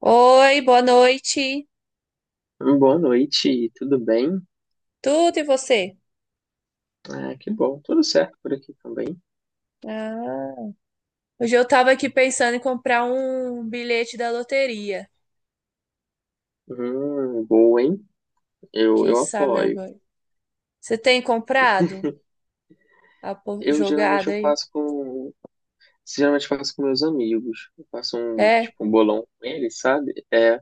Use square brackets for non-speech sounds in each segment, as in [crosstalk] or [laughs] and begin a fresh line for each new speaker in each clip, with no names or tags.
Oi, boa noite.
Boa noite, tudo bem?
Tudo e você?
Ah, que bom, tudo certo por aqui também.
Ah, hoje eu tava aqui pensando em comprar um bilhete da loteria.
Boa, hein? Eu,
Quem
eu
sabe eu
apoio.
ganho. Você tem comprado
Eu geralmente
jogada
eu
aí?
faço com, Geralmente faço com meus amigos. Eu faço um,
É?
tipo, um bolão com eles, sabe?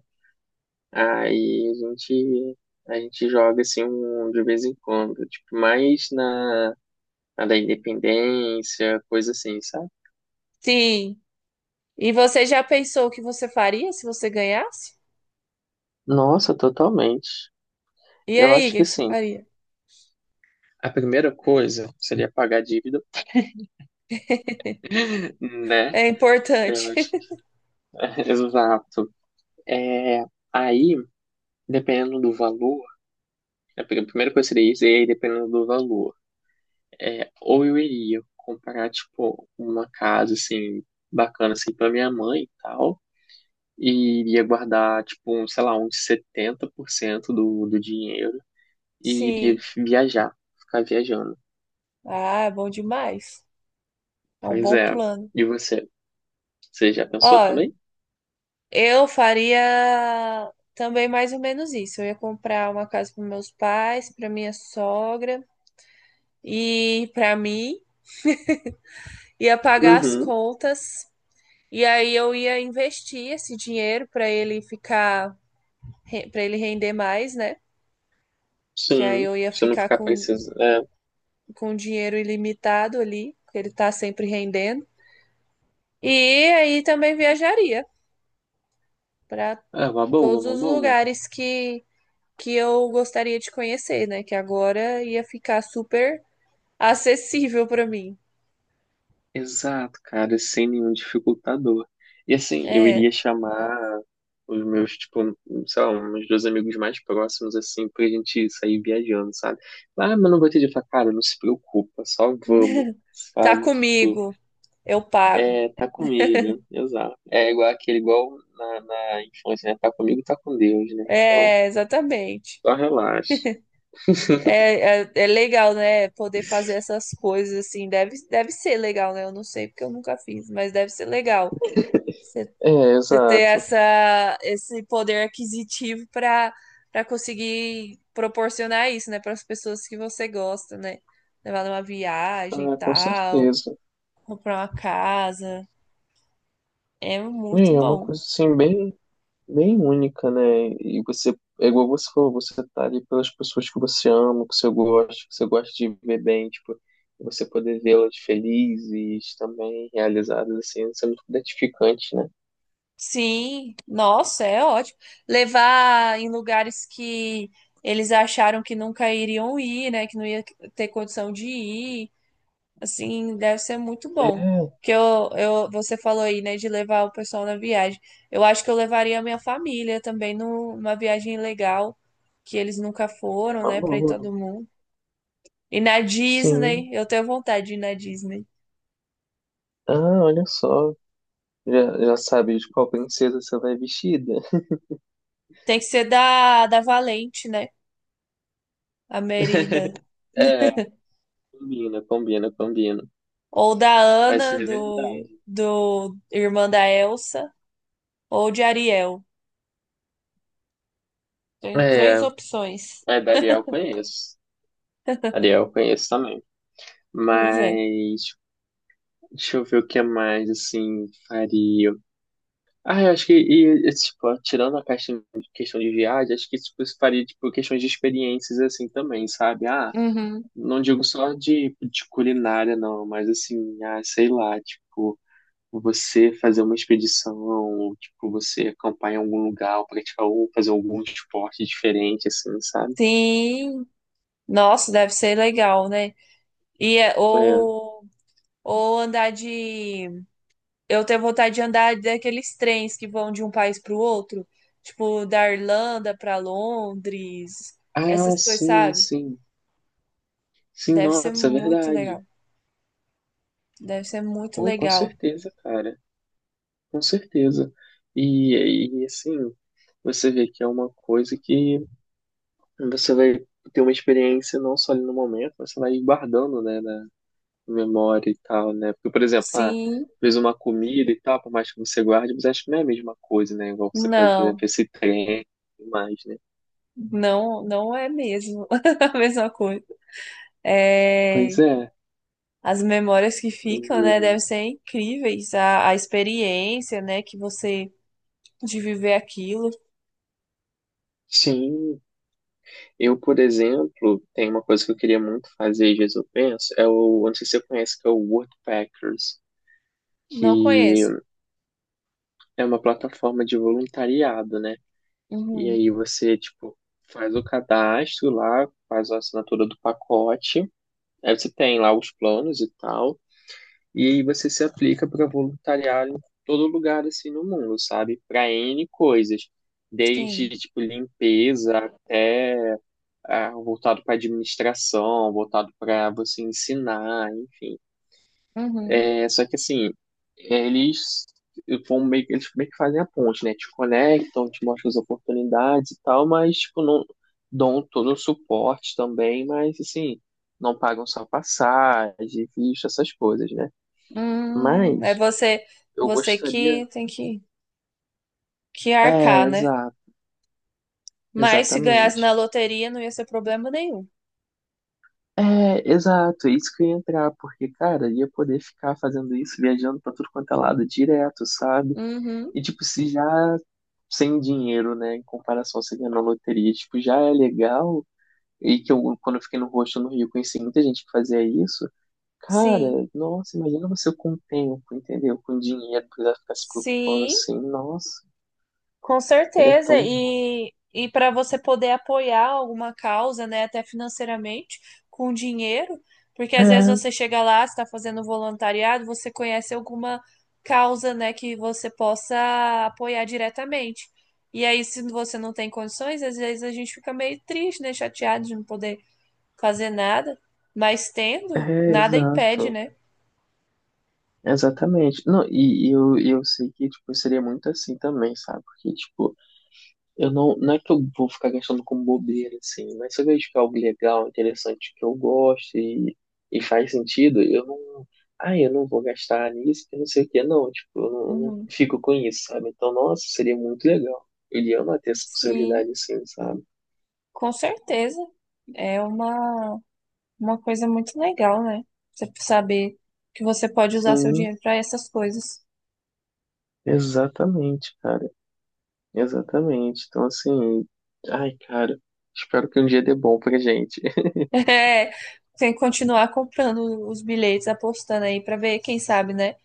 aí a gente, a gente joga assim um, de vez em quando, tipo, na da independência, coisa assim, sabe?
Sim. E você já pensou o que você faria se você ganhasse?
Nossa, totalmente.
E
Eu
aí, o
acho
que
que
que você
sim.
faria?
A primeira coisa seria pagar a dívida, né?
É
Eu
importante.
acho.
[laughs]
[laughs] Exato. É, aí, dependendo do valor, a primeira coisa seria isso, e aí dependendo do valor. É, ou eu iria comprar, tipo, uma casa, assim, bacana, assim, pra minha mãe e tal, e iria guardar, tipo, um, sei lá, uns 70% do dinheiro e iria
Sim.
viajar, ficar viajando.
Ah, é bom demais. É um
Pois
bom
é.
plano.
E você? Você já pensou
Ó,
também?
eu faria também mais ou menos isso. Eu ia comprar uma casa para meus pais, para minha sogra e para mim, ia pagar as
Uhum,
contas e aí eu ia investir esse dinheiro para ele ficar, para ele render mais, né? Que aí
sim.
eu ia
Se eu não
ficar
ficar precisando. É,
com dinheiro ilimitado ali, que ele tá sempre rendendo. E aí também viajaria para
é uma boa,
todos
uma
os
boa.
lugares que eu gostaria de conhecer, né? Que agora ia ficar super acessível para mim.
Exato, cara, sem nenhum dificultador. E assim, eu
É,
iria chamar os meus, tipo, sei lá, uns dois amigos mais próximos, assim, pra gente sair viajando, sabe? Ah, mas não vou te dizer, cara, não se preocupa, só vamos,
[laughs] tá
sabe? Tipo,
comigo, eu pago.
é, tá comigo, né? Exato. É igual aquele, igual na infância, né? Tá comigo, tá com Deus, né? Então,
É, exatamente.
só relaxa.
É, é, é legal, né? Poder fazer essas coisas assim. Deve, deve ser legal, né? Eu não sei porque eu nunca fiz, mas deve ser legal. Você
É,
você ter
exato.
essa, esse poder aquisitivo para para conseguir proporcionar isso, né? Para as pessoas que você gosta, né? Levar numa viagem e
Ah, com
tal,
certeza.
comprar uma casa. É muito
É uma
bom.
coisa assim, bem, bem única, né? E você, é igual você falou, você tá ali pelas pessoas que você ama, que você gosta de ver bem, tipo, você poder vê-las felizes também, realizadas, assim, isso é muito gratificante, né?
Sim, nossa, é ótimo. Levar em lugares que eles acharam que nunca iriam ir, né? Que não ia ter condição de ir. Assim, deve ser muito bom.
É,
Porque eu, você falou aí, né, de levar o pessoal na viagem. Eu acho que eu levaria a minha família também numa viagem legal, que eles nunca
é
foram,
uma
né, pra ir
boa.
todo mundo. E na Disney,
Sim.
eu tenho vontade de ir na Disney.
Ah, olha só. Já, já sabe de qual princesa você vai vestida?
Tem que ser da, da Valente, né? A Merida.
É, combina, combina, combina.
Ou da
Mas é
Ana, do,
verdade.
do irmã da Elsa, ou de Ariel. Tem
É,
três opções.
é da Ariel eu conheço.
[laughs]
Ariel eu conheço também.
Pois é.
Mas deixa eu ver o que mais, assim, faria. Ah, eu acho que, tipo, tirando a questão, questão de viagem, acho que, tipo, isso faria, tipo, questões de experiências, assim, também, sabe? Ah,
Uhum.
não digo só de culinária, não, mas, assim, ah, sei lá, tipo, você fazer uma expedição, ou, tipo, você acampar em algum lugar, ou praticar, ou fazer algum esporte diferente, assim, sabe?
Sim. Nossa, deve ser legal, né? E é-
É.
ou andar de. Eu tenho vontade de andar daqueles trens que vão de um país para o outro, tipo da Irlanda para Londres,
Ah,
essas coisas,
sim,
sabe?
sim. Sim,
Deve ser
nossa, é
muito
verdade.
legal. Deve ser muito
Pô, com
legal.
certeza, cara. Com certeza. Assim, você vê que é uma coisa que você vai ter uma experiência não só ali no momento, mas você vai guardando, né, na memória e tal, né? Porque, por exemplo, ah,
Sim,
fez uma comida e tal, por mais que você guarde, mas acho que não é a mesma coisa, né? Igual você pede, por exemplo,
não.
esse trem e mais, né?
Não, não é mesmo [laughs] a mesma coisa. É,
Pois é.
as memórias que ficam, né,
o-
devem ser incríveis. A experiência, né, que você de viver aquilo.
Sim, eu, por exemplo, tem uma coisa que eu queria muito fazer, às vezes eu penso, é o, eu não sei se você conhece, que é o Woodpeckers
Não
que
conheço.
é uma plataforma de voluntariado, né? E
Uhum,
aí você, tipo, faz o cadastro lá, faz a assinatura do pacote, aí você tem lá os planos e tal, e aí você se aplica para voluntariar em todo lugar assim no mundo, sabe? Para N coisas, desde
sim.
tipo limpeza até ah, voltado para administração, voltado para você ensinar, enfim.
Uhum.
É, só que assim, é, eles vão meio, eles meio que fazem a ponte, né? Te conectam, te mostram as oportunidades e tal, mas tipo, não dão todo o suporte também, mas assim, não pagam só passagem, visto, essas coisas, né?
É
Mas
você,
eu
você
gostaria.
que tem que
É,
arcar, né?
exato,
Mas se ganhasse na
exatamente.
loteria, não ia ser problema nenhum.
É, exato, é isso que eu ia entrar, porque, cara, eu ia poder ficar fazendo isso, viajando pra tudo quanto é lado direto, sabe?
Uhum,
E, tipo, se já sem dinheiro, né, em comparação a você ganhar na loteria, tipo, já é legal. E que eu, quando eu fiquei no rosto no Rio, conheci muita gente que fazia isso. Cara,
sim.
nossa, imagina você com o tempo, entendeu? Com dinheiro, precisar ficar se preocupando
Sim.
assim. Nossa,
Com
ele é
certeza,
tão bom.
e para você poder apoiar alguma causa, né, até financeiramente, com dinheiro, porque às vezes você
É,
chega lá, está fazendo voluntariado, você conhece alguma causa, né, que você possa apoiar diretamente. E aí, se você não tem condições, às vezes a gente fica meio triste, né, chateado de não poder fazer nada, mas tendo, nada impede,
exato.
né?
Exatamente. Não, e eu sei que, tipo, seria muito assim também, sabe? Porque, tipo, Eu não, não é que eu vou ficar gastando com bobeira, assim, mas se eu vejo que é algo legal, interessante, que eu gosto e faz sentido, eu não. Ah, eu não vou gastar nisso, que não sei o quê, não. Tipo, eu não
Uhum.
fico com isso, sabe? Então, nossa, seria muito legal. Ele ama ter essa
Sim,
possibilidade, assim, sabe?
com certeza. É uma coisa muito legal, né? Você saber que você pode usar seu
Sim,
dinheiro para essas coisas.
exatamente, cara. Exatamente. Então, assim, ai, cara, espero que um dia dê bom pra gente. [laughs]
[laughs] É, tem que continuar comprando os bilhetes, apostando aí para ver, quem sabe, né?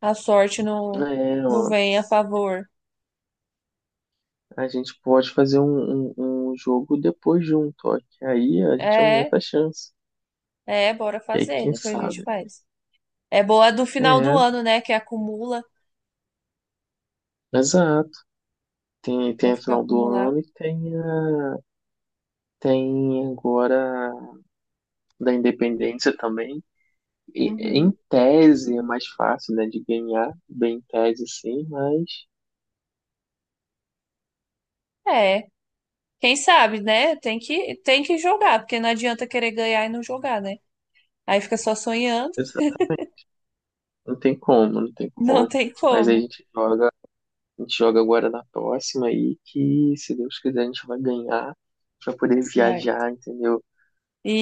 A sorte não,
É,
não vem a favor.
a gente pode fazer um jogo depois junto, ó, que aí a gente
É,
aumenta a chance.
é, bora
E aí,
fazer,
quem
depois a gente
sabe?
faz. É boa do final do
É,
ano, né? Que acumula,
exato. Tem,
né?
tem a
Fica
final do
acumular.
ano e tem, a, tem agora a da Independência também. E, em
Uhum.
tese é mais fácil, né, de ganhar, bem em tese sim, mas
É, quem sabe, né? Tem que jogar, porque não adianta querer ganhar e não jogar, né? Aí fica só sonhando,
exa- não tem como, não tem
[laughs] não
como.
tem
Mas aí
como.
a gente joga agora na próxima aí, que se Deus quiser a gente vai ganhar para poder
Vai.
viajar, entendeu?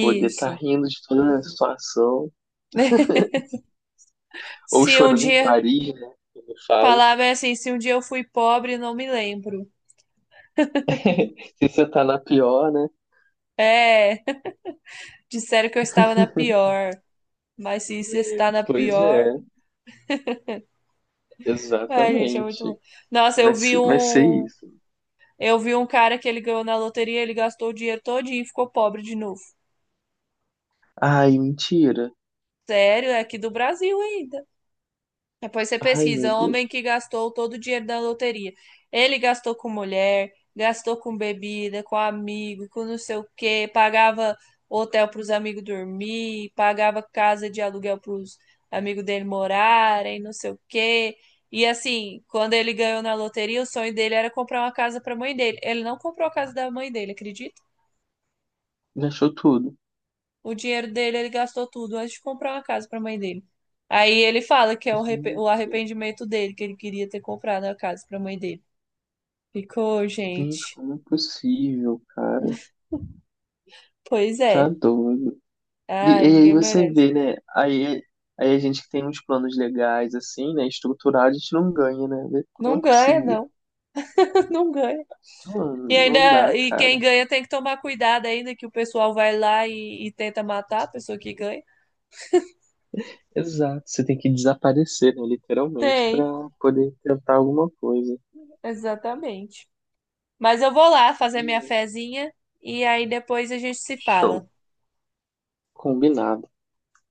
Poder estar rindo de toda a situação,
[laughs]
ou
Se um
chorando em
dia
Paris, né? Como eu falo.
falava assim, se um dia eu fui pobre, não me lembro.
[laughs] Se você tá na pior, né?
É, [laughs] disseram que eu estava na pior, mas se isso está na
Pois
pior,
é,
ai, gente, é muito
exatamente.
louco. Nossa,
Vai ser isso.
eu vi um cara que ele ganhou na loteria, ele gastou o dinheiro todinho e ficou pobre de novo.
Ai, mentira.
Sério, é aqui do Brasil ainda. Depois você
Ai,
pesquisa,
meu Deus.
homem que gastou todo o dinheiro da loteria. Ele gastou com mulher, gastou com bebida, com amigo, com não sei o quê, pagava hotel para os amigos dormir, pagava casa de aluguel para os amigos dele morarem, não sei o quê. E assim, quando ele ganhou na loteria, o sonho dele era comprar uma casa para a mãe dele. Ele não comprou a casa da mãe dele, acredita?
Me achou tudo.
O dinheiro dele ele gastou tudo antes de comprar uma casa pra mãe dele. Aí ele fala que é o o
Gente,
arrependimento dele, que ele queria ter comprado a casa pra mãe dele. Ficou,
gente,
gente.
como é possível, cara?
[laughs] Pois
Tá
é.
doido.
Ai,
Aí
ninguém
você
merece.
vê, né? Aí a gente que tem uns planos legais, assim, né? Estruturado, a gente não ganha, né? Vê. Como
Não
é
ganha,
possível?
não. [laughs] Não ganha.
Mano,
E
não dá,
ainda, e quem
cara.
ganha tem que tomar cuidado ainda, que o pessoal vai lá e tenta matar a pessoa que ganha.
Exato, você tem que desaparecer, né, literalmente, para
Tem,
poder tentar alguma coisa.
exatamente. Mas eu vou lá fazer minha fezinha e aí depois a gente se
Show,
fala.
combinado.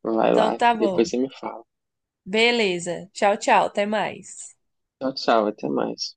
Vai
Então
lá,
tá
depois
bom.
você me fala.
Beleza. Tchau, tchau. Até mais.
Tchau, tchau, até mais.